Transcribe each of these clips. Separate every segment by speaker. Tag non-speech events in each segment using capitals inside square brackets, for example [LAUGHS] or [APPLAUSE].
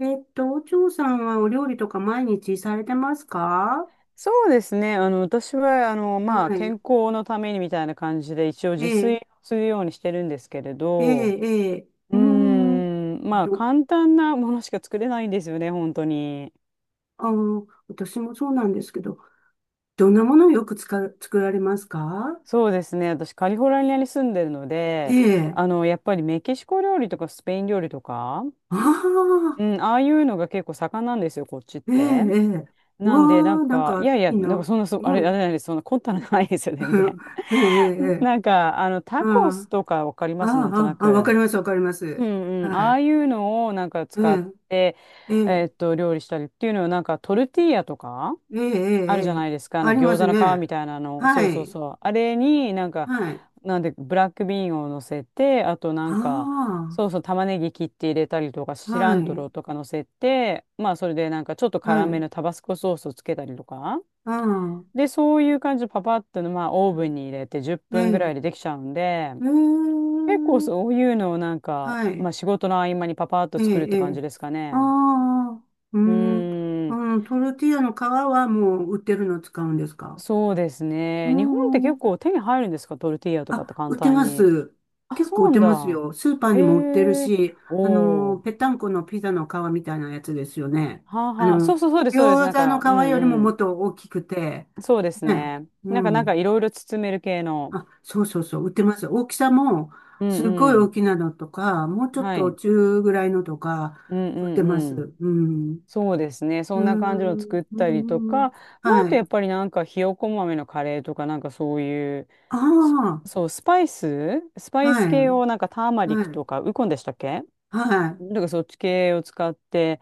Speaker 1: お嬢さんはお料理とか毎日されてますか？
Speaker 2: そうですね。私は、まあ、
Speaker 1: は
Speaker 2: 健
Speaker 1: い。
Speaker 2: 康のためにみたいな感じで、一応
Speaker 1: え
Speaker 2: 自炊
Speaker 1: え、
Speaker 2: をするようにしてるんですけれ
Speaker 1: え
Speaker 2: ど、
Speaker 1: え、ええ、うーん、
Speaker 2: まあ、
Speaker 1: ど、
Speaker 2: 簡単なものしか作れないんですよね、本当に。
Speaker 1: 私もそうなんですけど、どんなものをよく作られますか？
Speaker 2: そうですね。私、カリフォルニアに住んでるの
Speaker 1: え
Speaker 2: で、
Speaker 1: え、
Speaker 2: あの、やっぱりメキシコ料理とかスペイン料理とか、
Speaker 1: ああ、
Speaker 2: うん、ああいうのが結構盛んなんですよ、こっちっ
Speaker 1: ええ、
Speaker 2: て。
Speaker 1: ええ、う
Speaker 2: な
Speaker 1: わ
Speaker 2: んで、なん
Speaker 1: あ、なん
Speaker 2: か、い
Speaker 1: か
Speaker 2: やいや、
Speaker 1: いい
Speaker 2: なんか
Speaker 1: な。
Speaker 2: そんな、あ
Speaker 1: う
Speaker 2: れ、あれ
Speaker 1: ん。
Speaker 2: なんです、そんな凝ったのないですよ、全然。
Speaker 1: [LAUGHS] ええ、え
Speaker 2: [LAUGHS]
Speaker 1: え、ええ、
Speaker 2: なんか、あの、タコス
Speaker 1: あ
Speaker 2: とかわかり
Speaker 1: あ、
Speaker 2: ます、なんとな
Speaker 1: ああ、あ
Speaker 2: く。
Speaker 1: あ、わかります、わかりま
Speaker 2: う
Speaker 1: す。
Speaker 2: んうん。
Speaker 1: は
Speaker 2: ああ
Speaker 1: い。
Speaker 2: いうのをなんか
Speaker 1: え
Speaker 2: 使っ
Speaker 1: え、
Speaker 2: て、
Speaker 1: ええ、
Speaker 2: 料理したりっていうのは、なんかトルティーヤとか
Speaker 1: ええ、え
Speaker 2: あるじ
Speaker 1: え、え
Speaker 2: ゃ
Speaker 1: え、
Speaker 2: ないですか。あ
Speaker 1: あ
Speaker 2: の
Speaker 1: りま
Speaker 2: 餃
Speaker 1: す
Speaker 2: 子の皮
Speaker 1: ね。
Speaker 2: みたいなの。そ
Speaker 1: は
Speaker 2: うそう
Speaker 1: い。
Speaker 2: そう。あれになんか、
Speaker 1: はい。
Speaker 2: なんで、ブラックビーンを乗せて、あとなんか、
Speaker 1: あ
Speaker 2: そうそう、玉ねぎ切って入れたりとか、
Speaker 1: あ、
Speaker 2: シラ
Speaker 1: は
Speaker 2: ント
Speaker 1: い、
Speaker 2: ロとか乗せて、まあ、それでなんかちょっと
Speaker 1: は
Speaker 2: 辛め
Speaker 1: い、
Speaker 2: のタバスコソースをつけたりとか。
Speaker 1: ああ、
Speaker 2: で、そういう感じでパパッとの、まあ、オーブンに入れて10
Speaker 1: え
Speaker 2: 分ぐら
Speaker 1: え、
Speaker 2: いでできちゃうんで、
Speaker 1: う
Speaker 2: 結構
Speaker 1: ーん、
Speaker 2: そういうのをなんか、
Speaker 1: は
Speaker 2: ま
Speaker 1: い、
Speaker 2: あ仕事の合間にパパッと
Speaker 1: え
Speaker 2: 作る
Speaker 1: え、
Speaker 2: っ
Speaker 1: え
Speaker 2: て感
Speaker 1: え、
Speaker 2: じですか
Speaker 1: あ
Speaker 2: ね。
Speaker 1: あ、うー
Speaker 2: う
Speaker 1: ん、
Speaker 2: ーん、
Speaker 1: うん、トルティーヤの皮はもう売ってるの使うんですか？
Speaker 2: そうです
Speaker 1: うー
Speaker 2: ね。日本って結
Speaker 1: ん、
Speaker 2: 構手に入るんですか、トルティーヤとかって
Speaker 1: あ、
Speaker 2: 簡
Speaker 1: 売って
Speaker 2: 単
Speaker 1: ま
Speaker 2: に。
Speaker 1: す。
Speaker 2: あ、
Speaker 1: 結構
Speaker 2: そ
Speaker 1: 売っ
Speaker 2: うな
Speaker 1: て
Speaker 2: ん
Speaker 1: ます
Speaker 2: だ。
Speaker 1: よ。スーパー
Speaker 2: え
Speaker 1: にも売ってる
Speaker 2: え、
Speaker 1: し、
Speaker 2: おお
Speaker 1: ぺっ
Speaker 2: ー。
Speaker 1: たんこのピザの皮みたいなやつですよね。
Speaker 2: はあ
Speaker 1: あ
Speaker 2: はあ。
Speaker 1: の、
Speaker 2: そうそうそうです、そうです。
Speaker 1: 餃
Speaker 2: なん
Speaker 1: 子の
Speaker 2: か、う
Speaker 1: 皮
Speaker 2: ん
Speaker 1: よりも
Speaker 2: う
Speaker 1: も
Speaker 2: ん。
Speaker 1: っと大きくて、
Speaker 2: そうです
Speaker 1: ね、
Speaker 2: ね。
Speaker 1: う
Speaker 2: なんか、なんか
Speaker 1: ん。
Speaker 2: いろいろ包める系の。
Speaker 1: あ、そうそうそう、売ってます。大きさも、
Speaker 2: うん
Speaker 1: すごい
Speaker 2: う
Speaker 1: 大
Speaker 2: ん。
Speaker 1: きなのとか、もうちょっ
Speaker 2: は
Speaker 1: と
Speaker 2: い。
Speaker 1: 中ぐらいのとか、
Speaker 2: う
Speaker 1: 売ってま
Speaker 2: んうん、
Speaker 1: す。うん。
Speaker 2: そうですね。
Speaker 1: うー
Speaker 2: そんな感じの作
Speaker 1: ん。
Speaker 2: っ
Speaker 1: う
Speaker 2: たりと
Speaker 1: ん。
Speaker 2: か、
Speaker 1: うん、
Speaker 2: まあ、あ
Speaker 1: は
Speaker 2: とや
Speaker 1: い。
Speaker 2: っぱりなんかひよこ豆のカレーとか、なんかそういう、
Speaker 1: あ
Speaker 2: ス
Speaker 1: あ、
Speaker 2: そう、スパイ
Speaker 1: は
Speaker 2: ス
Speaker 1: い。
Speaker 2: 系をなんかターマリック
Speaker 1: はい。
Speaker 2: とか、ウコンでしたっけ。
Speaker 1: はい。
Speaker 2: なんかそっち系を使って、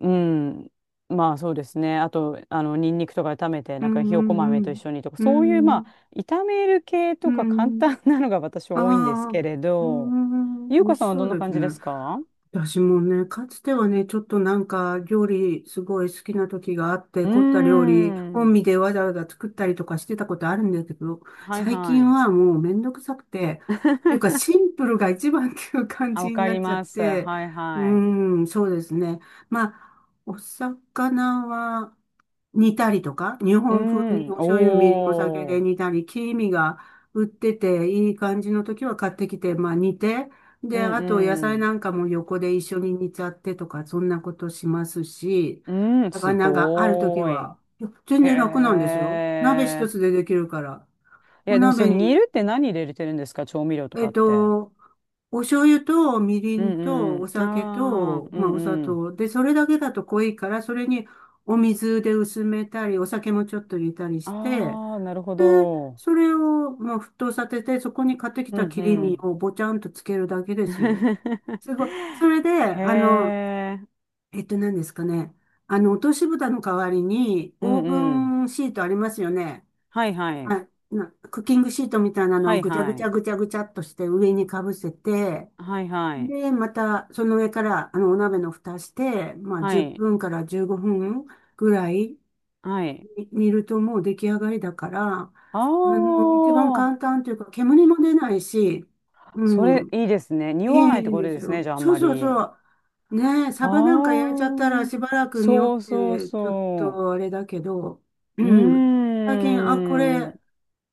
Speaker 2: うん、まあそうですね。あと、あの、ニンニクとか炒めて、
Speaker 1: う
Speaker 2: なんかひよこ
Speaker 1: ん。
Speaker 2: 豆
Speaker 1: う
Speaker 2: と一
Speaker 1: ん。
Speaker 2: 緒にとか、
Speaker 1: う
Speaker 2: そういうま
Speaker 1: ん。
Speaker 2: あ、炒める系
Speaker 1: う
Speaker 2: と
Speaker 1: ん。
Speaker 2: か簡
Speaker 1: うん、
Speaker 2: 単なのが私は
Speaker 1: あ
Speaker 2: 多いんです
Speaker 1: あ、
Speaker 2: け
Speaker 1: う
Speaker 2: れ
Speaker 1: ー
Speaker 2: ど、
Speaker 1: ん、
Speaker 2: ゆ
Speaker 1: 美
Speaker 2: う
Speaker 1: 味
Speaker 2: かさ
Speaker 1: し
Speaker 2: んは
Speaker 1: そ
Speaker 2: ど
Speaker 1: う
Speaker 2: んな
Speaker 1: です
Speaker 2: 感じで
Speaker 1: ね。
Speaker 2: すか？
Speaker 1: 私もね、かつてはね、ちょっとなんか料理すごい好きな時があって、
Speaker 2: うー
Speaker 1: 凝った料理、本
Speaker 2: ん、
Speaker 1: 身でわざわざ作ったりとかしてたことあるんだけど、
Speaker 2: はい
Speaker 1: 最
Speaker 2: は
Speaker 1: 近
Speaker 2: い。
Speaker 1: はもうめんどくさくて、というか
Speaker 2: [LAUGHS]
Speaker 1: シンプルが一番っていう感
Speaker 2: あ、わ
Speaker 1: じに
Speaker 2: か
Speaker 1: な
Speaker 2: り
Speaker 1: っちゃっ
Speaker 2: ます。は
Speaker 1: て、
Speaker 2: い
Speaker 1: う
Speaker 2: はい。
Speaker 1: ーん、そうですね。まあ、お魚は、煮たりとか、日
Speaker 2: う
Speaker 1: 本風に
Speaker 2: ん。
Speaker 1: お醤油、みりん、お酒
Speaker 2: お
Speaker 1: で
Speaker 2: ー。
Speaker 1: 煮たり、黄身が売ってていい感じの時は買ってきて、まあ煮て、
Speaker 2: う
Speaker 1: で、あと野菜
Speaker 2: ん
Speaker 1: なんかも横で一緒に煮ちゃってとか、そんなことしますし、
Speaker 2: うん。うん、す
Speaker 1: 魚がある時
Speaker 2: ごーい。
Speaker 1: は、いや全
Speaker 2: へ
Speaker 1: 然楽なんですよ。鍋一
Speaker 2: え。
Speaker 1: つでできるから。
Speaker 2: い
Speaker 1: お
Speaker 2: や、でもそ
Speaker 1: 鍋
Speaker 2: の煮
Speaker 1: に
Speaker 2: るって何入れてるんですか、調味料と
Speaker 1: え
Speaker 2: か
Speaker 1: っ
Speaker 2: って。
Speaker 1: と、お醤油とみり
Speaker 2: う
Speaker 1: んと
Speaker 2: んう
Speaker 1: お
Speaker 2: ん。
Speaker 1: 酒
Speaker 2: ああ、
Speaker 1: と、
Speaker 2: う
Speaker 1: まあ、
Speaker 2: ん
Speaker 1: お砂
Speaker 2: うん。
Speaker 1: 糖。で、それだけだと濃いから、それにお水で薄めたり、お酒もちょっと入れたりして、
Speaker 2: ああ、なるほ
Speaker 1: で、
Speaker 2: ど。
Speaker 1: それを、まあ、沸騰させて、そこに買ってき
Speaker 2: う
Speaker 1: た
Speaker 2: ん
Speaker 1: 切り
Speaker 2: う
Speaker 1: 身
Speaker 2: ん。
Speaker 1: をぼちゃんとつけるだけですよ。す
Speaker 2: [LAUGHS]
Speaker 1: ごい。それで、
Speaker 2: へえ。
Speaker 1: 何ですかね。落とし蓋の代わりに、
Speaker 2: う
Speaker 1: オー
Speaker 2: ん
Speaker 1: ブ
Speaker 2: うん。
Speaker 1: ンシートありますよね。
Speaker 2: はいはい。
Speaker 1: はい。クッキングシートみたいなの
Speaker 2: は
Speaker 1: を
Speaker 2: い
Speaker 1: ぐちゃぐ
Speaker 2: は
Speaker 1: ちゃ
Speaker 2: い。
Speaker 1: ぐちゃぐちゃっとして上にかぶせて、
Speaker 2: はいはい。
Speaker 1: で、またその上からあのお鍋の蓋して、まあ
Speaker 2: は
Speaker 1: 10
Speaker 2: い。
Speaker 1: 分から15分ぐらい
Speaker 2: はい。
Speaker 1: に煮るともう出来上がりだから、
Speaker 2: あ
Speaker 1: 一番簡
Speaker 2: あ。
Speaker 1: 単というか煙も出ないし、う
Speaker 2: それ
Speaker 1: ん、
Speaker 2: いいですね。
Speaker 1: い
Speaker 2: 匂
Speaker 1: い
Speaker 2: わないって
Speaker 1: ん
Speaker 2: こと
Speaker 1: です
Speaker 2: ですね、
Speaker 1: よ。
Speaker 2: じゃああん
Speaker 1: そう
Speaker 2: ま
Speaker 1: そうそ
Speaker 2: り。
Speaker 1: う。ねえ、サバなんか焼いちゃったら
Speaker 2: ああ、
Speaker 1: しばらく匂っ
Speaker 2: そうそう
Speaker 1: てちょっ
Speaker 2: そ
Speaker 1: とあれだけど、
Speaker 2: う。う
Speaker 1: うん。最近、あ、こ
Speaker 2: ーん。
Speaker 1: れ、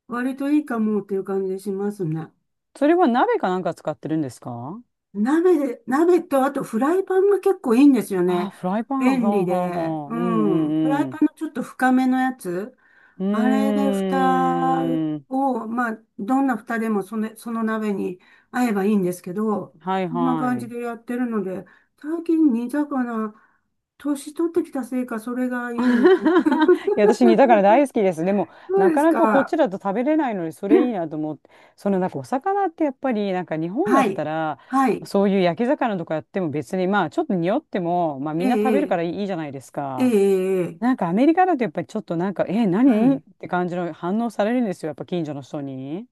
Speaker 1: 割といいかもっていう感じしますね。
Speaker 2: それは鍋かなんか使ってるんですか？
Speaker 1: 鍋で、鍋とあとフライパンが結構いいんですよ
Speaker 2: ああー、
Speaker 1: ね。
Speaker 2: フライパン。
Speaker 1: 便
Speaker 2: は
Speaker 1: 利
Speaker 2: あはあ
Speaker 1: で。
Speaker 2: はあ。う
Speaker 1: うん。フラ
Speaker 2: ん
Speaker 1: イ
Speaker 2: う
Speaker 1: パ
Speaker 2: ん
Speaker 1: ンのちょっと深めのやつ。
Speaker 2: う
Speaker 1: あれで蓋
Speaker 2: ん。うーん。
Speaker 1: を、まあ、どんな蓋でもその鍋に合えばいいんですけど、
Speaker 2: はい
Speaker 1: こんな
Speaker 2: は
Speaker 1: 感じ
Speaker 2: い。
Speaker 1: でやってるので、最近煮魚、年取ってきたせいか、それがい
Speaker 2: [LAUGHS]
Speaker 1: い
Speaker 2: い
Speaker 1: んですよ。
Speaker 2: や、私煮魚
Speaker 1: [LAUGHS]
Speaker 2: 大好きです。でも、
Speaker 1: そう
Speaker 2: な
Speaker 1: で
Speaker 2: か
Speaker 1: す
Speaker 2: なかこっ
Speaker 1: か。
Speaker 2: ちだと食べれないのに、それいいなと思って、そのなんかお魚ってやっぱり、なんか日本だ
Speaker 1: は
Speaker 2: った
Speaker 1: い。
Speaker 2: ら、
Speaker 1: はい。
Speaker 2: そういう焼き魚とかやっても別に、まあちょっと匂っても、まあ
Speaker 1: え
Speaker 2: みんな食べるか
Speaker 1: え、
Speaker 2: らいいじゃないです
Speaker 1: ええ、え
Speaker 2: か。
Speaker 1: え、ええ、
Speaker 2: なんかアメリカだとやっぱりちょっとなんか、え、
Speaker 1: は
Speaker 2: 何っ
Speaker 1: い。
Speaker 2: て感じの反応されるんですよ、やっぱ近所の人に。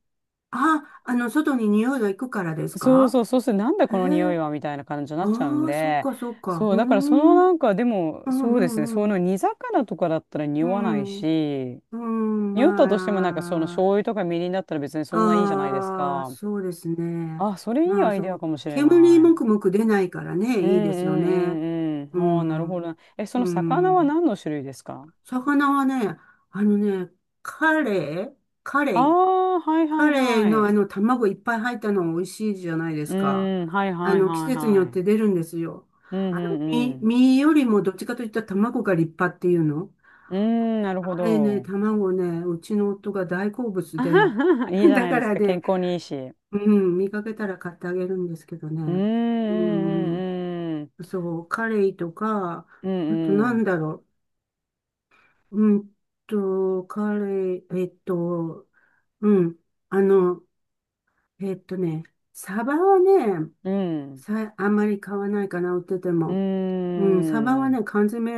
Speaker 1: あ、外に匂いが行くからです
Speaker 2: そう
Speaker 1: か？
Speaker 2: そう、そうすると、なんだ
Speaker 1: へ
Speaker 2: この匂い
Speaker 1: え。
Speaker 2: はみたいな感じになっちゃうん
Speaker 1: ああ、そっ
Speaker 2: で、
Speaker 1: かそっか。
Speaker 2: そ
Speaker 1: うー
Speaker 2: う、だからその
Speaker 1: ん。うん、
Speaker 2: なんか、でも、
Speaker 1: う
Speaker 2: そうですね、
Speaker 1: ん、
Speaker 2: そ
Speaker 1: う
Speaker 2: の
Speaker 1: ん。
Speaker 2: 煮魚とかだったら
Speaker 1: う
Speaker 2: 匂わない
Speaker 1: ん。
Speaker 2: し、
Speaker 1: うん、
Speaker 2: 匂ったとしてもなんかその
Speaker 1: ま
Speaker 2: 醤
Speaker 1: あ。
Speaker 2: 油とかみりんだったら別にそんないいじゃないです
Speaker 1: ああ、
Speaker 2: か。
Speaker 1: そうですね。
Speaker 2: あ、それいい
Speaker 1: まあ、
Speaker 2: アイデ
Speaker 1: そ
Speaker 2: ア
Speaker 1: う。
Speaker 2: かもしれ
Speaker 1: 煙
Speaker 2: な
Speaker 1: も
Speaker 2: い。
Speaker 1: くもく出ないからね、
Speaker 2: うんう
Speaker 1: いいですよ
Speaker 2: ん
Speaker 1: ね。
Speaker 2: うんう
Speaker 1: う
Speaker 2: ん。ああ、なる
Speaker 1: ん。
Speaker 2: ほど。え、その
Speaker 1: う
Speaker 2: 魚は
Speaker 1: ん。
Speaker 2: 何の種類ですか？
Speaker 1: 魚はね、あのね、カレイ、カレ
Speaker 2: あ
Speaker 1: イ、
Speaker 2: あー、はいはい
Speaker 1: 彼
Speaker 2: は
Speaker 1: のあ
Speaker 2: い。
Speaker 1: の卵いっぱい入ったの美味しいじゃないです
Speaker 2: う
Speaker 1: か。
Speaker 2: ん、はい
Speaker 1: あ
Speaker 2: はい
Speaker 1: の季
Speaker 2: はい
Speaker 1: 節によっ
Speaker 2: はい。
Speaker 1: て出るんですよ。
Speaker 2: う
Speaker 1: あ
Speaker 2: ん
Speaker 1: の
Speaker 2: うんう
Speaker 1: 身、
Speaker 2: ん。
Speaker 1: 身よりもどっちかといったら卵が立派っていうの。
Speaker 2: うん、なるほ
Speaker 1: あれね、
Speaker 2: ど。
Speaker 1: 卵ね、うちの夫が大好
Speaker 2: [LAUGHS]
Speaker 1: 物
Speaker 2: あ
Speaker 1: で。
Speaker 2: はは、いいじ
Speaker 1: [LAUGHS]
Speaker 2: ゃ
Speaker 1: だ
Speaker 2: ない
Speaker 1: か
Speaker 2: です
Speaker 1: ら
Speaker 2: か。
Speaker 1: ね、
Speaker 2: 健康にいいし。
Speaker 1: うん、見かけたら買ってあげるんですけど
Speaker 2: うんう
Speaker 1: ね。うん、
Speaker 2: んうんうん。
Speaker 1: そう、カレイとか、
Speaker 2: う
Speaker 1: あと
Speaker 2: ん
Speaker 1: な
Speaker 2: う
Speaker 1: ん
Speaker 2: ん。
Speaker 1: だろう。カレイ、うん、あの、えっとね、サバはね、あんまり買わないかな、売ってて
Speaker 2: う
Speaker 1: も。うん、サバ
Speaker 2: んう
Speaker 1: は
Speaker 2: ん。
Speaker 1: ね、缶詰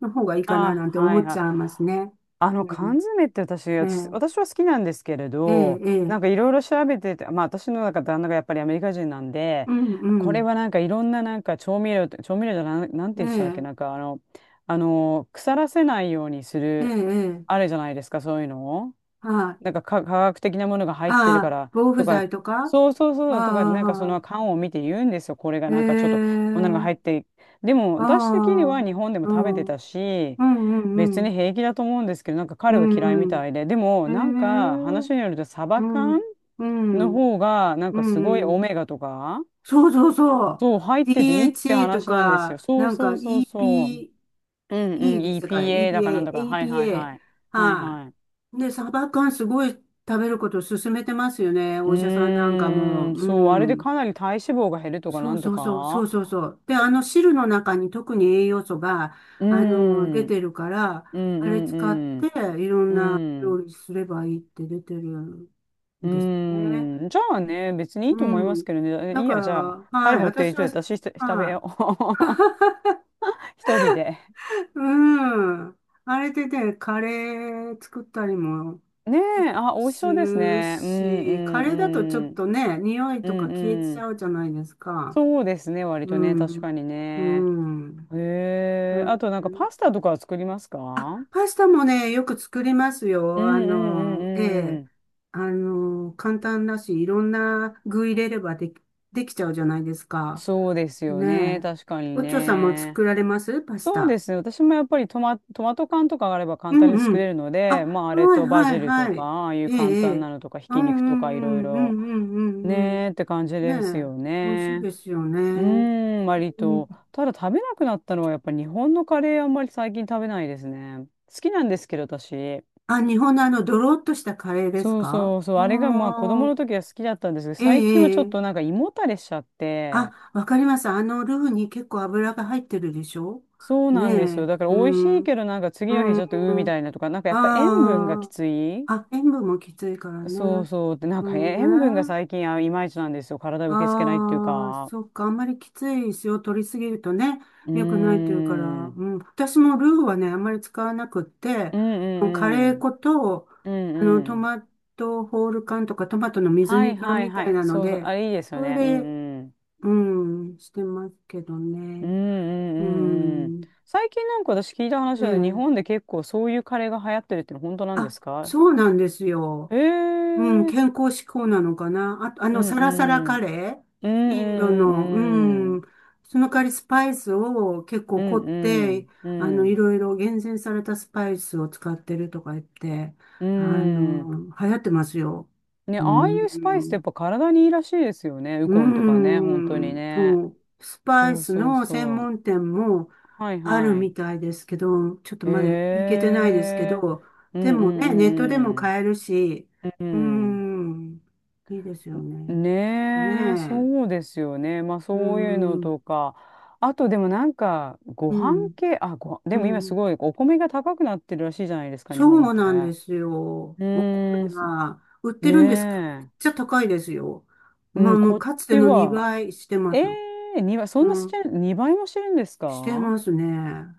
Speaker 1: の方がいいかな、
Speaker 2: あ、
Speaker 1: なんて
Speaker 2: は
Speaker 1: 思
Speaker 2: い
Speaker 1: っ
Speaker 2: は
Speaker 1: ち
Speaker 2: い。
Speaker 1: ゃいますね。
Speaker 2: あ
Speaker 1: う
Speaker 2: の缶
Speaker 1: ん。
Speaker 2: 詰って
Speaker 1: ええ、
Speaker 2: 私は好きなんですけれ
Speaker 1: ええ、
Speaker 2: ど、
Speaker 1: え
Speaker 2: な
Speaker 1: え、
Speaker 2: んかいろいろ調べてて、まあ私のなんか旦那がやっぱりアメリカ人なんで、
Speaker 1: うん、う
Speaker 2: これ
Speaker 1: ん。
Speaker 2: はなんかいろんななんか調味料じゃなん、なん
Speaker 1: え
Speaker 2: て言ってたっけ、なん
Speaker 1: え、
Speaker 2: かあの、あの、腐らせないようにす
Speaker 1: ええ、え
Speaker 2: る、
Speaker 1: え、
Speaker 2: あれじゃないですか、そういうの。
Speaker 1: はい。
Speaker 2: なんか科科学的なものが入って
Speaker 1: あ
Speaker 2: るか
Speaker 1: あ、
Speaker 2: ら
Speaker 1: 防腐
Speaker 2: とか、
Speaker 1: 剤とかあ
Speaker 2: そうそうそうとか、なんかその
Speaker 1: あ、
Speaker 2: 缶を見て言うんですよ。これが
Speaker 1: え
Speaker 2: なんかちょっと、こんなのが
Speaker 1: え、
Speaker 2: 入って。でも、
Speaker 1: あ
Speaker 2: 私的に
Speaker 1: あ、
Speaker 2: は日本でも
Speaker 1: う
Speaker 2: 食べて
Speaker 1: ん、うん、
Speaker 2: たし、
Speaker 1: う
Speaker 2: 別に
Speaker 1: ん、
Speaker 2: 平気だと思うんですけど、なんか
Speaker 1: う
Speaker 2: 彼は嫌いみ
Speaker 1: ん、うん、
Speaker 2: たいで。でも、
Speaker 1: う
Speaker 2: なんか
Speaker 1: ん、ええ、
Speaker 2: 話によるとサ
Speaker 1: う
Speaker 2: バ缶
Speaker 1: ん、う
Speaker 2: の
Speaker 1: ん、うん、
Speaker 2: 方が、なんかすごい
Speaker 1: う
Speaker 2: オ
Speaker 1: ん。
Speaker 2: メガとか、
Speaker 1: そうそうそう。
Speaker 2: そう、入ってていいって
Speaker 1: DHA と
Speaker 2: 話なんですよ。
Speaker 1: か、
Speaker 2: そ
Speaker 1: な
Speaker 2: う
Speaker 1: ん
Speaker 2: そ
Speaker 1: か
Speaker 2: うそうそう。うんうん、
Speaker 1: EPE ですか？
Speaker 2: EPA だかなんだ
Speaker 1: EPA、
Speaker 2: か、はいはいは
Speaker 1: APA。
Speaker 2: い。はい
Speaker 1: は
Speaker 2: はい。
Speaker 1: い。で、サバ缶すごい食べることを勧めてますよね。
Speaker 2: う
Speaker 1: お医者さんなんか
Speaker 2: ー
Speaker 1: も。
Speaker 2: ん、
Speaker 1: う
Speaker 2: そう、あれで
Speaker 1: ん。
Speaker 2: かなり体脂肪が減るとか
Speaker 1: そ
Speaker 2: な
Speaker 1: う
Speaker 2: んと
Speaker 1: そうそう、そう
Speaker 2: か。
Speaker 1: そうそう。で、あの汁の中に特に栄養素が、
Speaker 2: うー
Speaker 1: 出
Speaker 2: ん、うん
Speaker 1: てるから、
Speaker 2: う
Speaker 1: あれ
Speaker 2: ん
Speaker 1: 使っ
Speaker 2: う
Speaker 1: て
Speaker 2: ん、
Speaker 1: いろん
Speaker 2: う
Speaker 1: な料
Speaker 2: ん、
Speaker 1: 理すればいいって出てるん
Speaker 2: う
Speaker 1: ですね。
Speaker 2: ーん。じゃあね、別にいい
Speaker 1: う
Speaker 2: と思いま
Speaker 1: ん。
Speaker 2: すけどね。
Speaker 1: だ
Speaker 2: いい
Speaker 1: か
Speaker 2: や、
Speaker 1: ら、
Speaker 2: じゃあ、彼
Speaker 1: はい。
Speaker 2: ほって
Speaker 1: 私
Speaker 2: いと
Speaker 1: は、
Speaker 2: いて私ひと食べ
Speaker 1: は
Speaker 2: よ
Speaker 1: い、
Speaker 2: う。[LAUGHS] 一人で。
Speaker 1: うん。あれでね、カレー作ったりも
Speaker 2: ねえ、あ、美味し
Speaker 1: す
Speaker 2: そうです
Speaker 1: る
Speaker 2: ね。うんう
Speaker 1: し、カレーだとちょっ
Speaker 2: んうん、
Speaker 1: とね、匂い
Speaker 2: う
Speaker 1: とか
Speaker 2: ん
Speaker 1: 消え
Speaker 2: う
Speaker 1: ち
Speaker 2: ん。
Speaker 1: ゃうじゃないですか。
Speaker 2: そうですね、割
Speaker 1: う
Speaker 2: とね、確
Speaker 1: ん。
Speaker 2: かに
Speaker 1: う
Speaker 2: ね。
Speaker 1: ん。
Speaker 2: へえ、
Speaker 1: う
Speaker 2: あとなんかパ
Speaker 1: ん、
Speaker 2: スタとかは作りますか？うん
Speaker 1: あ、パスタもね、よく作ります
Speaker 2: う
Speaker 1: よ。あ
Speaker 2: んう
Speaker 1: の、え
Speaker 2: んう
Speaker 1: え。
Speaker 2: ん。
Speaker 1: 簡単だし、いろんな具入れればできちゃうじゃないですか。
Speaker 2: そうですよね。
Speaker 1: ねえ。
Speaker 2: 確かに
Speaker 1: おちょさんも
Speaker 2: ね。
Speaker 1: 作られますパス
Speaker 2: そうで
Speaker 1: タ。
Speaker 2: すね。私もやっぱりトマト缶とかがあれば
Speaker 1: う
Speaker 2: 簡単に
Speaker 1: ん、う
Speaker 2: 作れ
Speaker 1: ん。
Speaker 2: るの
Speaker 1: あ、
Speaker 2: で、まああれ
Speaker 1: はい、
Speaker 2: とバ
Speaker 1: は
Speaker 2: ジ
Speaker 1: い、
Speaker 2: ルと
Speaker 1: は
Speaker 2: か、
Speaker 1: い。
Speaker 2: ああいう
Speaker 1: ええ、
Speaker 2: 簡
Speaker 1: え
Speaker 2: 単な
Speaker 1: え。
Speaker 2: のとか、ひ
Speaker 1: う
Speaker 2: き
Speaker 1: ん、う
Speaker 2: 肉とかいろい
Speaker 1: ん、う
Speaker 2: ろ、
Speaker 1: ん、うん、うん、うん、うん。
Speaker 2: ねーって感じです
Speaker 1: ねえ、
Speaker 2: よ
Speaker 1: 美味しい
Speaker 2: ね。
Speaker 1: ですよね。
Speaker 2: うーん、割
Speaker 1: う
Speaker 2: と。
Speaker 1: ん、
Speaker 2: ただ食べなくなったのはやっぱ日本のカレーあんまり最近食べないですね。好きなんですけど、私。
Speaker 1: あ、日本のあの、ドロッとしたカレーです
Speaker 2: そう
Speaker 1: か？
Speaker 2: そうそう。
Speaker 1: ああ
Speaker 2: あれがまあ子供の
Speaker 1: ー、
Speaker 2: 時は好きだったんですけど、
Speaker 1: ええ、
Speaker 2: 最近はちょっ
Speaker 1: え
Speaker 2: と
Speaker 1: え。
Speaker 2: なんか胃もたれしちゃって、
Speaker 1: あ、わかります。ルーに結構油が入ってるでしょ？
Speaker 2: そう
Speaker 1: ね
Speaker 2: なんですよ。
Speaker 1: え、
Speaker 2: だから
Speaker 1: う
Speaker 2: 美味し
Speaker 1: ん、
Speaker 2: いけどなんか
Speaker 1: う
Speaker 2: 次の日ちょっとうーみ
Speaker 1: ん、
Speaker 2: たいなとか、なんかやっぱ塩分がき
Speaker 1: あ
Speaker 2: つい。
Speaker 1: あ、あ、塩分もきついから
Speaker 2: そう
Speaker 1: ね。
Speaker 2: そう。で、なん
Speaker 1: う
Speaker 2: かえ塩分が
Speaker 1: んね。
Speaker 2: 最近あいまいちなんですよ。体受け付けないっていう
Speaker 1: ああ、
Speaker 2: か。
Speaker 1: そっか。あんまりきつい塩を取りすぎるとね、
Speaker 2: う
Speaker 1: 良くないというから、
Speaker 2: ーん。
Speaker 1: うん。私もルーはね、あんまり使わなくって、
Speaker 2: うん
Speaker 1: もうカ
Speaker 2: う
Speaker 1: レー
Speaker 2: んうん。
Speaker 1: 粉と、
Speaker 2: うん
Speaker 1: ト
Speaker 2: うん。
Speaker 1: マトホール缶とかトマトの水
Speaker 2: はい
Speaker 1: 煮缶
Speaker 2: はい
Speaker 1: み
Speaker 2: は
Speaker 1: たい
Speaker 2: い。
Speaker 1: なの
Speaker 2: そうそう。
Speaker 1: で、
Speaker 2: あ、いいですよ
Speaker 1: それ
Speaker 2: ね。う
Speaker 1: で、
Speaker 2: んうん。
Speaker 1: うん、してますけど
Speaker 2: うんう
Speaker 1: ね。う
Speaker 2: んうんうん。
Speaker 1: ん。
Speaker 2: 最近なんか私聞いた
Speaker 1: え
Speaker 2: 話で日
Speaker 1: え。
Speaker 2: 本で結構そういうカレーが流行ってるっての本当なんで
Speaker 1: あ、
Speaker 2: すか？
Speaker 1: そうなんですよ。
Speaker 2: え
Speaker 1: うん、
Speaker 2: えー。
Speaker 1: 健康志向なのかな。あと、
Speaker 2: うん
Speaker 1: サ
Speaker 2: う
Speaker 1: ラサラカ
Speaker 2: ん。
Speaker 1: レー、
Speaker 2: うんうん
Speaker 1: インド
Speaker 2: う
Speaker 1: の、
Speaker 2: んう
Speaker 1: う
Speaker 2: ん。
Speaker 1: ん。その代わりスパイスを結
Speaker 2: う
Speaker 1: 構凝って、
Speaker 2: んう
Speaker 1: い
Speaker 2: ん。
Speaker 1: ろいろ厳選されたスパイスを使ってるとか言って、
Speaker 2: うん。
Speaker 1: 流行ってますよ。
Speaker 2: ね、
Speaker 1: う
Speaker 2: ああいうスパイスってや
Speaker 1: ん。
Speaker 2: っぱ体にいいらしいですよね。ウコンとか
Speaker 1: う
Speaker 2: ね、本当に
Speaker 1: ん。
Speaker 2: ね。
Speaker 1: そう。スパイ
Speaker 2: そう
Speaker 1: ス
Speaker 2: そう
Speaker 1: の専
Speaker 2: そう。
Speaker 1: 門店も、
Speaker 2: はい
Speaker 1: ある
Speaker 2: はい。
Speaker 1: みたいですけど、ちょっと
Speaker 2: へ
Speaker 1: まだ行けてないですけ
Speaker 2: え。
Speaker 1: ど、
Speaker 2: うん
Speaker 1: で
Speaker 2: う
Speaker 1: もね、ネットでも
Speaker 2: んうん
Speaker 1: 買えるし、
Speaker 2: う
Speaker 1: うー
Speaker 2: ん。
Speaker 1: ん、いいですよ
Speaker 2: うん。
Speaker 1: ね。
Speaker 2: ねえ、
Speaker 1: ね
Speaker 2: そう
Speaker 1: え、
Speaker 2: ですよね。まあ
Speaker 1: うー
Speaker 2: そういうの
Speaker 1: ん、
Speaker 2: とか。あとでもなんか、ご
Speaker 1: う
Speaker 2: 飯
Speaker 1: ん、
Speaker 2: 系、あ、ご、
Speaker 1: う
Speaker 2: でも今す
Speaker 1: ん。
Speaker 2: ごいお米が高くなってるらしいじゃないですか、日
Speaker 1: そ
Speaker 2: 本っ
Speaker 1: う
Speaker 2: て。
Speaker 1: なんで
Speaker 2: う
Speaker 1: すよ。お米
Speaker 2: ーん、そ。
Speaker 1: が。売ってるんですけど、めっ
Speaker 2: ね
Speaker 1: ちゃ高いですよ。
Speaker 2: え。
Speaker 1: ま
Speaker 2: う
Speaker 1: あ、
Speaker 2: ん、
Speaker 1: も
Speaker 2: こ
Speaker 1: う
Speaker 2: っ
Speaker 1: かつて
Speaker 2: ち
Speaker 1: の
Speaker 2: は、
Speaker 1: 2倍してま
Speaker 2: ええ
Speaker 1: す。
Speaker 2: ー、倍、そ
Speaker 1: う
Speaker 2: んなし
Speaker 1: ん、
Speaker 2: てる、2倍もしてるんです
Speaker 1: して
Speaker 2: か？
Speaker 1: ますね。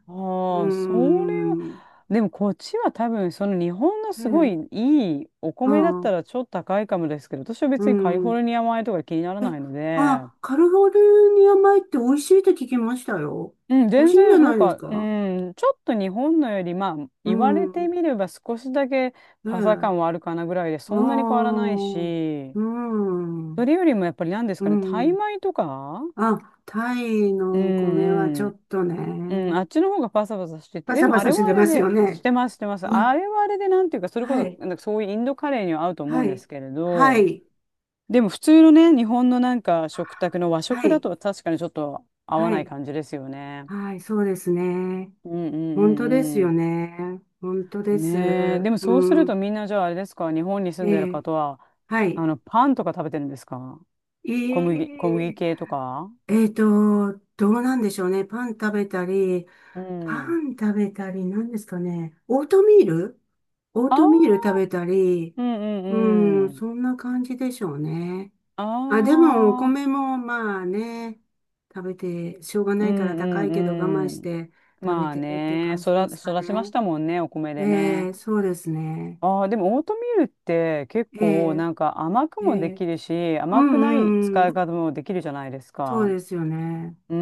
Speaker 1: うー
Speaker 2: ああ、それは、
Speaker 1: ん、
Speaker 2: でもこっちは多分、その日本の
Speaker 1: え
Speaker 2: すご
Speaker 1: え、
Speaker 2: いいいお
Speaker 1: あ
Speaker 2: 米だっ
Speaker 1: あ、
Speaker 2: たらちょっと高いかもですけど、私は
Speaker 1: う
Speaker 2: 別にカリフォ
Speaker 1: ん。
Speaker 2: ルニア米とか気になら
Speaker 1: え、
Speaker 2: ないので、
Speaker 1: あ、カリフォルニア米って美味しいって聞きましたよ。
Speaker 2: うん、
Speaker 1: 美味
Speaker 2: 全
Speaker 1: しいん
Speaker 2: 然、
Speaker 1: じゃ
Speaker 2: な
Speaker 1: な
Speaker 2: ん
Speaker 1: いです
Speaker 2: か、う
Speaker 1: か？
Speaker 2: ん、ちょっと日本のより、まあ、
Speaker 1: う
Speaker 2: 言われて
Speaker 1: ん。
Speaker 2: みれば少しだけ
Speaker 1: え
Speaker 2: パサ
Speaker 1: え。
Speaker 2: 感はあるかなぐらいで、
Speaker 1: あ
Speaker 2: そんなに変わら
Speaker 1: あ。
Speaker 2: ないし、
Speaker 1: う
Speaker 2: そ
Speaker 1: ん。
Speaker 2: れよりもやっぱり何です
Speaker 1: う
Speaker 2: かね、タイ
Speaker 1: ん。
Speaker 2: 米とか。
Speaker 1: あ、タイ
Speaker 2: う
Speaker 1: のお米はち
Speaker 2: ん
Speaker 1: ょっと
Speaker 2: うん、
Speaker 1: ね、
Speaker 2: あっちの方がパサパサしてて、
Speaker 1: パ
Speaker 2: で
Speaker 1: サ
Speaker 2: も
Speaker 1: パ
Speaker 2: あ
Speaker 1: サ
Speaker 2: れ
Speaker 1: し
Speaker 2: はあ
Speaker 1: て
Speaker 2: れ
Speaker 1: ます
Speaker 2: で、
Speaker 1: よ
Speaker 2: し
Speaker 1: ね。
Speaker 2: てます、してます。
Speaker 1: うわ、
Speaker 2: あれはあれで、なんていうか、それこ
Speaker 1: はい、
Speaker 2: そ、なんかそういうインドカレーには合うと思う
Speaker 1: は
Speaker 2: んで
Speaker 1: い、
Speaker 2: すけれ
Speaker 1: は
Speaker 2: ど、
Speaker 1: い、
Speaker 2: でも普通のね、日本のなんか食卓の和
Speaker 1: は
Speaker 2: 食だ
Speaker 1: い、
Speaker 2: と確かにちょっと合わ
Speaker 1: は
Speaker 2: ない
Speaker 1: い、
Speaker 2: 感じですよね。
Speaker 1: はい、そうですね。
Speaker 2: うんう
Speaker 1: 本当です
Speaker 2: んう
Speaker 1: よ
Speaker 2: ん
Speaker 1: ね。本当
Speaker 2: う
Speaker 1: で
Speaker 2: ん。ねえ、で
Speaker 1: す。
Speaker 2: も
Speaker 1: う
Speaker 2: そうすると
Speaker 1: ん。
Speaker 2: みんなじゃああれですか、日本に住ん
Speaker 1: え
Speaker 2: でる
Speaker 1: え、
Speaker 2: 方は、
Speaker 1: はい。
Speaker 2: あの、パンとか食べてるんですか？
Speaker 1: え、
Speaker 2: 小麦
Speaker 1: え、
Speaker 2: 系とか。
Speaker 1: えっと、どうなんでしょうね。パン食べたり、
Speaker 2: う
Speaker 1: パ
Speaker 2: ん。
Speaker 1: ン食べたり、何ですかね。オートミール、オー
Speaker 2: あ
Speaker 1: ト
Speaker 2: あ、
Speaker 1: ミール食べたり、
Speaker 2: うんう
Speaker 1: う
Speaker 2: ん
Speaker 1: ん、
Speaker 2: うん。
Speaker 1: そんな感じでしょうね。
Speaker 2: あ
Speaker 1: あ、でも、お
Speaker 2: あ、
Speaker 1: 米もまあね、食べて、しょうが
Speaker 2: う
Speaker 1: ないから
Speaker 2: ん
Speaker 1: 高
Speaker 2: う
Speaker 1: いけど我慢
Speaker 2: んう
Speaker 1: し
Speaker 2: ん。
Speaker 1: て食べ
Speaker 2: まあ
Speaker 1: てるって
Speaker 2: ね、
Speaker 1: 感じですか
Speaker 2: 育ちまし
Speaker 1: ね。
Speaker 2: たもんね、お米で
Speaker 1: え
Speaker 2: ね。
Speaker 1: え、そうですね。
Speaker 2: ああ、でもオートミールって結
Speaker 1: え
Speaker 2: 構
Speaker 1: え、
Speaker 2: なんか甘く
Speaker 1: え
Speaker 2: もで
Speaker 1: え、
Speaker 2: きるし、
Speaker 1: う
Speaker 2: 甘
Speaker 1: ん、
Speaker 2: くない
Speaker 1: うん、
Speaker 2: 使
Speaker 1: う
Speaker 2: い
Speaker 1: ん、
Speaker 2: 方もできるじゃないです
Speaker 1: そう
Speaker 2: か。
Speaker 1: ですよね。
Speaker 2: うんう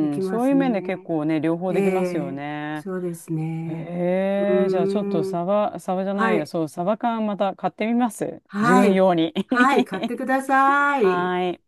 Speaker 1: で
Speaker 2: んう
Speaker 1: き
Speaker 2: ん。
Speaker 1: ま
Speaker 2: そうい
Speaker 1: す
Speaker 2: う面で結
Speaker 1: ね。
Speaker 2: 構ね、両方
Speaker 1: え
Speaker 2: できますよ
Speaker 1: え、
Speaker 2: ね。
Speaker 1: そうです
Speaker 2: へ
Speaker 1: ね。う
Speaker 2: え、じゃあちょっと
Speaker 1: ーん。
Speaker 2: サバじゃない
Speaker 1: は
Speaker 2: や、
Speaker 1: い。
Speaker 2: そう、サバ缶また買ってみます。自
Speaker 1: は
Speaker 2: 分
Speaker 1: い。
Speaker 2: 用に。
Speaker 1: はい。買ってくださ
Speaker 2: [LAUGHS] は
Speaker 1: い。
Speaker 2: ーい。